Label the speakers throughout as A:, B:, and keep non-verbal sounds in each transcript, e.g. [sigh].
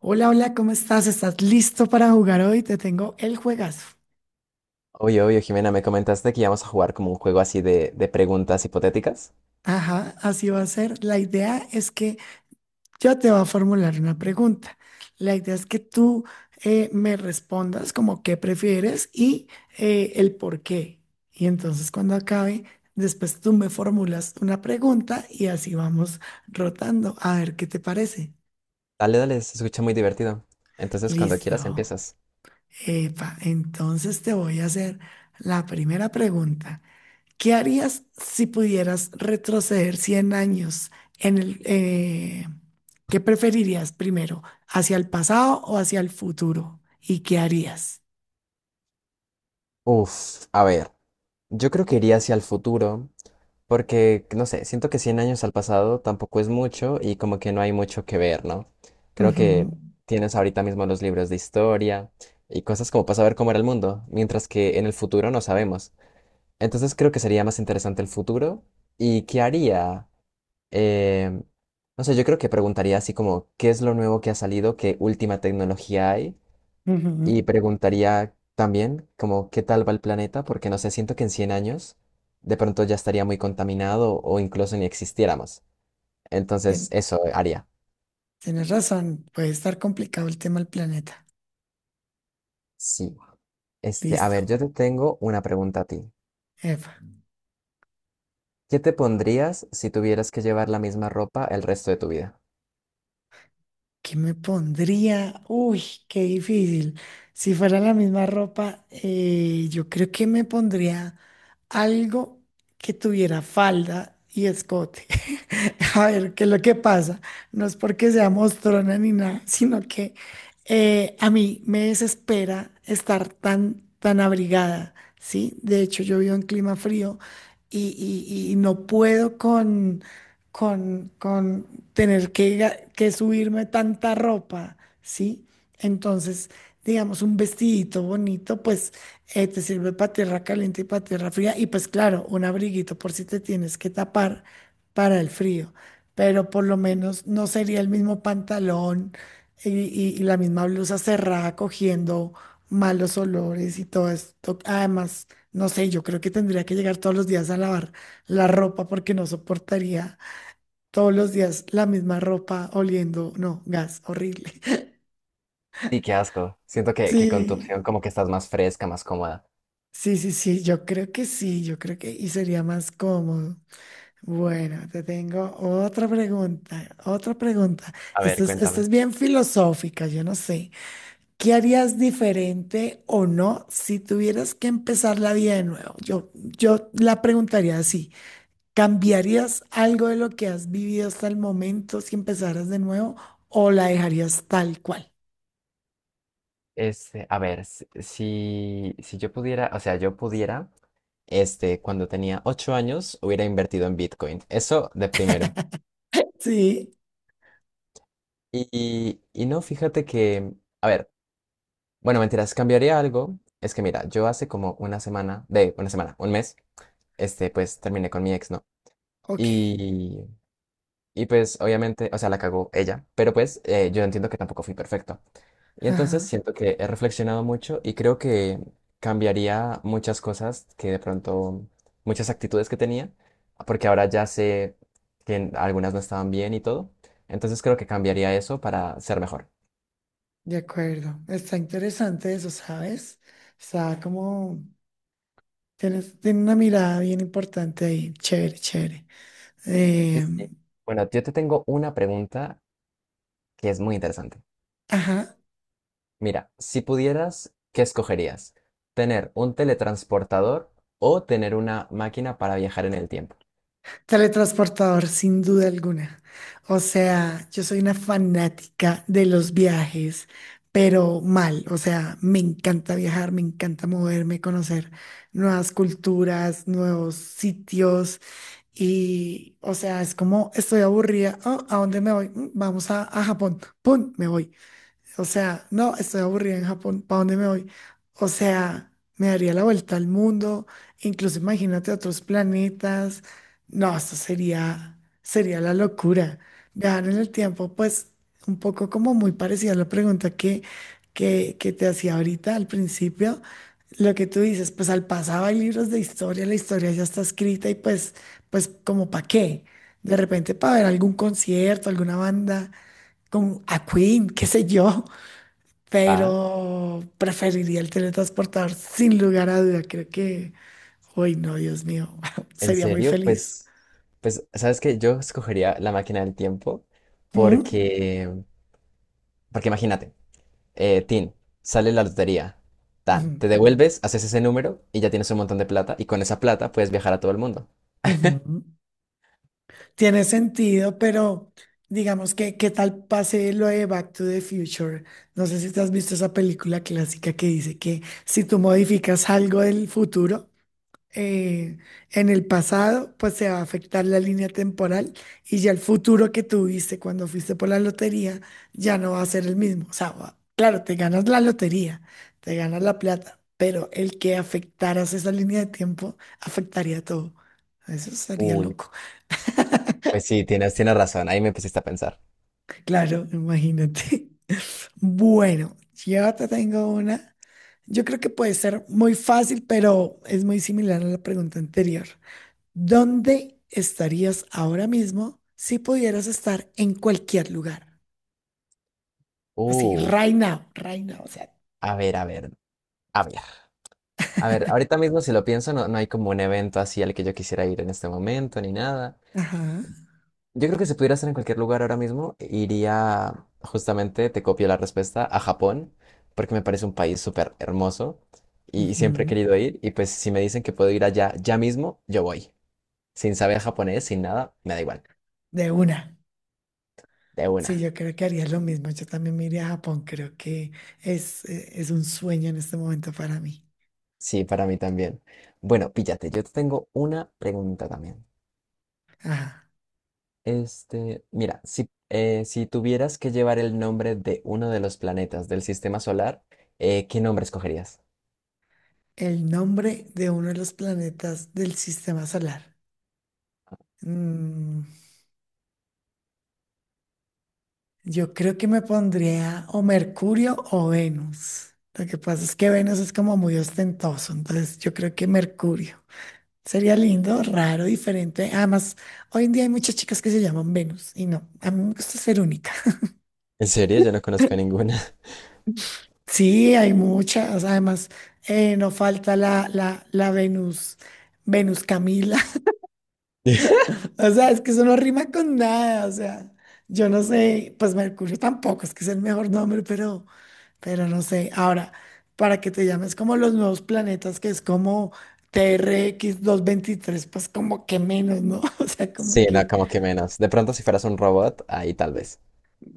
A: Hola, hola, ¿cómo estás? ¿Estás listo para jugar hoy? Te tengo el juegazo.
B: Oye, oye, Jimena, me comentaste que íbamos a jugar como un juego así de preguntas hipotéticas.
A: Ajá, así va a ser. La idea es que yo te voy a formular una pregunta. La idea es que tú me respondas como qué prefieres y el por qué. Y entonces cuando acabe, después tú me formulas una pregunta y así vamos rotando a ver qué te parece.
B: Dale, dale, se escucha muy divertido. Entonces, cuando quieras,
A: Listo.
B: empiezas.
A: Epa, entonces te voy a hacer la primera pregunta. ¿Qué harías si pudieras retroceder 100 años en el, eh, ¿qué preferirías primero? ¿Hacia el pasado o hacia el futuro? ¿Y qué harías?
B: Uf, a ver, yo creo que iría hacia el futuro, porque, no sé, siento que 100 años al pasado tampoco es mucho y como que no hay mucho que ver, ¿no? Creo que
A: Ujú,
B: tienes ahorita mismo los libros de historia y cosas como para saber cómo era el mundo, mientras que en el futuro no sabemos. Entonces, creo que sería más interesante el futuro. ¿Y qué haría? Eh, no sé, yo creo que preguntaría así como, ¿qué es lo nuevo que ha salido? ¿Qué última tecnología hay?
A: ujú.
B: Y preguntaría también como, ¿qué tal va el planeta? Porque no sé, siento que en 100 años de pronto ya estaría muy contaminado o incluso ni existiéramos. Entonces,
A: Tien-
B: eso haría.
A: Tienes razón, puede estar complicado el tema del planeta.
B: Sí. Este, a ver,
A: Listo.
B: yo te tengo una pregunta a ti.
A: Epa.
B: ¿Qué te pondrías si tuvieras que llevar la misma ropa el resto de tu vida?
A: ¿Qué me pondría? Uy, qué difícil. Si fuera la misma ropa, yo creo que me pondría algo que tuviera falda y escote. [laughs] A ver, ¿qué es lo que pasa? No es porque sea mostrona ni nada, sino que a mí me desespera estar tan, tan abrigada, ¿sí? De hecho, yo vivo en clima frío y, y no puedo con con tener que, que subirme tanta ropa, ¿sí? Entonces, digamos, un vestidito bonito, pues te sirve para tierra caliente y para tierra fría. Y pues claro, un abriguito por si te tienes que tapar para el frío. Pero por lo menos no sería el mismo pantalón y la misma blusa cerrada cogiendo malos olores y todo esto. Además, no sé, yo creo que tendría que llegar todos los días a lavar la ropa porque no soportaría todos los días la misma ropa oliendo, no, gas, horrible. [laughs]
B: Sí, qué asco. Siento que con tu opción
A: Sí,
B: como que estás más fresca, más cómoda.
A: sí, sí, sí, yo creo que sí, yo creo que y sería más cómodo. Bueno, te tengo otra pregunta, otra pregunta.
B: A ver,
A: Esta es, esta
B: cuéntame.
A: es bien filosófica, yo no sé. ¿Qué harías diferente o no si tuvieras que empezar la vida de nuevo? Yo la preguntaría así. ¿Cambiarías algo de lo que has vivido hasta el momento si empezaras de nuevo o la dejarías tal cual?
B: Este, a ver, si yo pudiera, o sea, yo pudiera, este, cuando tenía 8 años, hubiera invertido en Bitcoin. Eso de primero.
A: Sí.
B: Y no, fíjate que, a ver, bueno, mentiras, cambiaría algo. Es que mira, yo hace como una semana, de una semana, un mes, este, pues terminé con mi ex, ¿no?
A: Ok,
B: Y, Y pues obviamente, o sea, la cagó ella, pero pues yo entiendo que tampoco fui perfecto. Y entonces
A: ajá,
B: siento que he reflexionado mucho y creo que cambiaría muchas cosas que de pronto, muchas actitudes que tenía, porque ahora ya sé que algunas no estaban bien y todo. Entonces creo que cambiaría eso para ser mejor.
A: de acuerdo. Está interesante eso, ¿sabes? Está como, tienes, tiene una mirada bien importante ahí, chévere, chévere.
B: Sí,
A: Eh,
B: sí, sí. Bueno, yo te tengo una pregunta que es muy interesante.
A: ajá.
B: Mira, si pudieras, ¿qué escogerías? ¿Tener un teletransportador o tener una máquina para viajar en el tiempo?
A: Teletransportador, sin duda alguna. O sea, yo soy una fanática de los viajes, pero mal. O sea, me encanta viajar, me encanta moverme, conocer nuevas culturas, nuevos sitios. Y, o sea, es como estoy aburrida. "Oh, ¿a dónde me voy? Mm, vamos a Japón. ¡Pum! Me voy. O sea, no, estoy aburrida en Japón, ¿para dónde me voy? O sea, me daría la vuelta al mundo, incluso imagínate otros planetas. No, esto sería, sería la locura. Viajar en el tiempo, pues un poco como muy parecida a la pregunta que te hacía ahorita al principio. Lo que tú dices, pues al pasado hay libros de historia, la historia ya está escrita y pues, pues como para qué. De repente para ver algún concierto, alguna banda, con a Queen, qué sé yo,
B: Ah,
A: pero preferiría el teletransportador sin lugar a duda. Creo que, uy, no, Dios mío, [laughs]
B: ¿en
A: sería muy
B: serio?
A: feliz.
B: Pues, pues, ¿sabes qué? Yo escogería la máquina del tiempo
A: ¿Mm?
B: porque, porque imagínate, Tin, sale la lotería, tan, te
A: Ujú,
B: devuelves, haces ese número y ya tienes un montón de plata y con esa plata puedes viajar a todo el mundo.
A: ujú. Tiene sentido, pero digamos que, ¿qué tal pase lo de Back to the Future? No sé si te has visto esa película clásica que dice que si tú modificas algo del futuro, eh, en el pasado, pues se va a afectar la línea temporal y ya el futuro que tuviste cuando fuiste por la lotería ya no va a ser el mismo. O sea, va- claro, te ganas la lotería, te ganas la plata, pero el que afectaras esa línea de tiempo afectaría todo. Eso sería
B: Uy,
A: loco.
B: pues sí, tienes razón, ahí me pusiste a pensar.
A: Claro, imagínate. [laughs] Bueno, yo te tengo una. Yo creo que puede ser muy fácil, pero es muy similar a la pregunta anterior. ¿Dónde estarías ahora mismo si pudieras estar en cualquier lugar? Así,
B: Uf,
A: right now, right now, o sea.
B: a ver, a ver, a ver. A ver, ahorita mismo si lo pienso, no, no hay como un evento así al que yo quisiera ir en este momento ni nada.
A: Ajá.
B: Yo creo que si pudiera estar en cualquier lugar ahora mismo, iría justamente, te copio la respuesta, a Japón, porque me parece un país súper hermoso y siempre he
A: Ujú.
B: querido ir. Y pues si me dicen que puedo ir allá ya mismo, yo voy. Sin saber japonés, sin nada, me da igual.
A: De una.
B: De
A: Sí,
B: una.
A: yo creo que haría lo mismo. Yo también me iría a Japón. Creo que es un sueño en este momento para mí.
B: Sí, para mí también. Bueno, píllate, yo te tengo una pregunta también.
A: Ajá.
B: Este, mira, si tuvieras que llevar el nombre de uno de los planetas del sistema solar, ¿qué nombre escogerías?
A: El nombre de uno de los planetas del sistema solar. Mm, yo creo que me pondría o Mercurio o Venus. Lo que pasa es que Venus es como muy ostentoso, entonces yo creo que Mercurio. Sería lindo, raro, diferente. Además, hoy en día hay muchas chicas que se llaman Venus y no, a mí me gusta ser única. [laughs]
B: ¿En serio? Yo no conozco ninguna.
A: Sí, hay muchas. Además, no falta la Venus, Venus Camila.
B: [laughs]
A: [laughs] O sea, es que eso no rima con nada. O sea, yo no sé, pues Mercurio tampoco, es que es el mejor nombre, pero... Pero no sé, ahora, para que te llames como los nuevos planetas, que es como TRX 23, pues como que menos, ¿no? [laughs] O sea, como
B: Sí, no,
A: que
B: como que menos. De pronto, si fueras un robot, ahí tal vez.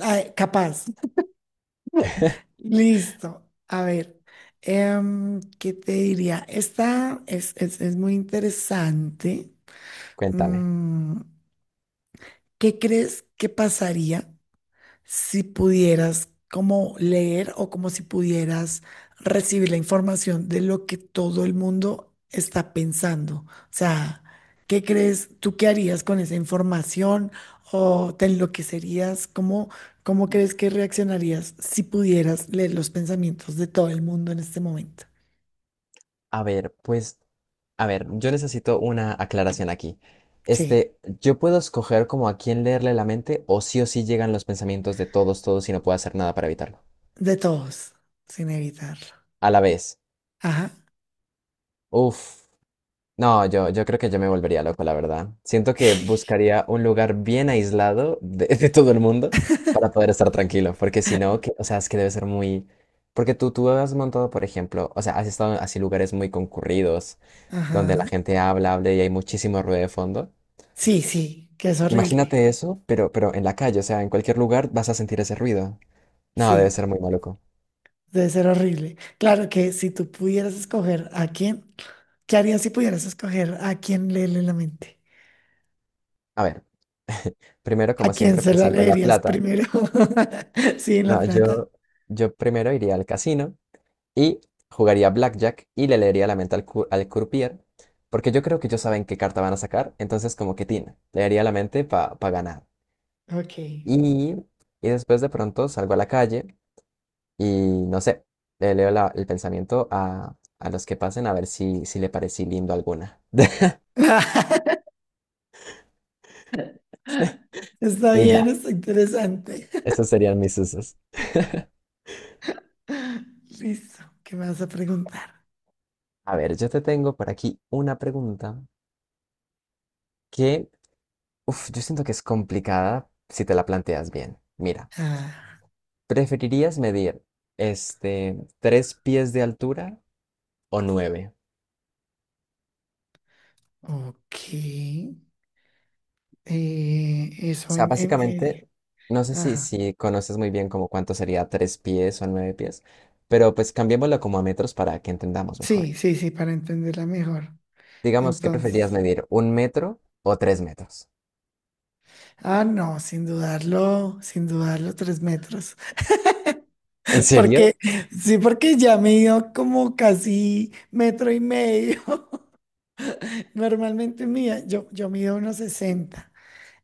A: ay, capaz. Listo. A ver, ¿qué te diría? Esta es muy interesante.
B: Cuéntame.
A: Mm, ¿qué crees que pasaría si pudieras como leer o como si pudieras recibir la información de lo que todo el mundo está pensando? O sea, ¿qué crees tú qué harías con esa información o te enloquecerías? ¿Cómo crees que reaccionarías si pudieras leer los pensamientos de todo el mundo en este momento?
B: A ver, pues, a ver, yo necesito una aclaración aquí.
A: Sí,
B: Este, ¿yo puedo escoger como a quién leerle la mente o sí llegan los pensamientos de todos, todos y no puedo hacer nada para evitarlo?
A: de todos, sin evitarlo.
B: A la vez.
A: Ajá,
B: Uf. No, yo creo que yo me volvería loco, la verdad. Siento que
A: [laughs]
B: buscaría un lugar bien aislado de, [laughs] de todo el mundo para poder estar tranquilo, porque si no, que, o sea, es que debe ser muy... Porque tú has montado, por ejemplo, o sea, has estado en así lugares muy concurridos, donde la
A: ajá.
B: gente habla, habla y hay muchísimo ruido de fondo.
A: Sí, sí, que es
B: Imagínate
A: horrible.
B: eso, pero en la calle, o sea, en cualquier lugar vas a sentir ese ruido. No, debe
A: Sí.
B: ser muy maluco.
A: Debe ser horrible. Claro que si tú pudieras escoger a quién, ¿qué harías si pudieras escoger a quién leerle la mente?
B: A ver, primero,
A: ¿A
B: como
A: quién
B: siempre,
A: se la
B: pensando en la
A: leerías
B: plata.
A: primero? [laughs] Sí, en La
B: No,
A: Plata.
B: yo primero iría al casino y jugaría Blackjack y le leería la mente al, al croupier, porque yo creo que ellos saben qué carta van a sacar, entonces como que tina leería la mente para ganar.
A: Ok.
B: Y, y después de pronto salgo a la calle y no sé, le leo el pensamiento a los que pasen a ver si le parecí lindo alguna. [laughs]
A: [laughs] Está
B: Y
A: bien,
B: ya,
A: está interesante.
B: esos serían mis usos.
A: [laughs] Listo, ¿qué me vas a preguntar?
B: A ver, yo te tengo por aquí una pregunta que, uff, yo siento que es complicada si te la planteas bien. Mira.
A: Ah,
B: ¿Preferirías medir este 3 pies de altura o nueve?
A: ok.
B: O
A: Eso
B: sea, básicamente, no sé
A: ajá.
B: si conoces muy bien como cuánto sería 3 pies o 9 pies, pero pues cambiémoslo como a metros para que entendamos mejor.
A: Sí, sí, sí, para entenderla mejor.
B: Digamos, ¿qué preferirías
A: Entonces.
B: medir? ¿1 metro o 3 metros?
A: Ah, no, sin dudarlo, sin dudarlo, 3 metros.
B: ¿En
A: [laughs] Porque,
B: serio?
A: sí, porque ya mido como casi metro y medio. [laughs] Normalmente mía, yo mido unos 60,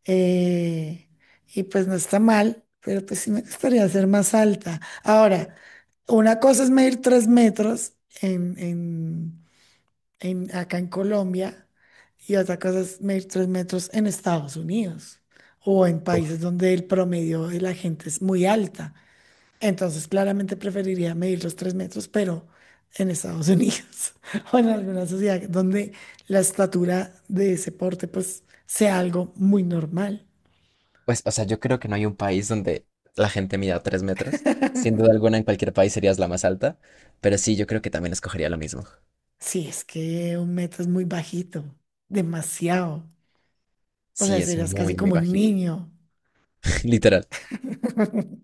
A: eh, y pues no está mal, pero pues sí me gustaría ser más alta. Ahora, una cosa es medir 3 metros en en, acá en Colombia y otra cosa es medir 3 metros en Estados Unidos o en países
B: Uf,
A: donde el promedio de la gente es muy alta. Entonces, claramente preferiría medir los 3 metros, pero en Estados Unidos [laughs] o en alguna sociedad donde la estatura de ese porte pues sea algo muy normal.
B: pues, o sea, yo creo que no hay un país donde la gente mida 3 metros. Sin duda alguna, en cualquier país serías la más alta, pero sí, yo creo que también escogería lo mismo.
A: Si es que un metro es muy bajito, demasiado. O sea,
B: Sí, es
A: serías casi
B: muy, muy
A: como un
B: bajito.
A: niño.
B: [laughs] Literal.
A: [laughs]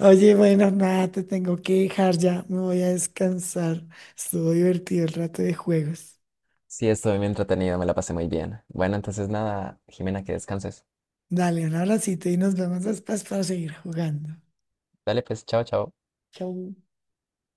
A: Oye, bueno, nada, te tengo que dejar ya. Me voy a descansar. Estuvo divertido el rato de juegos.
B: Sí, estuve muy entretenido, me la pasé muy bien. Bueno, entonces nada, Jimena, que descanses.
A: Dale, un abracito y nos vemos después para seguir jugando.
B: Dale, pues, chao, chao.
A: Chau.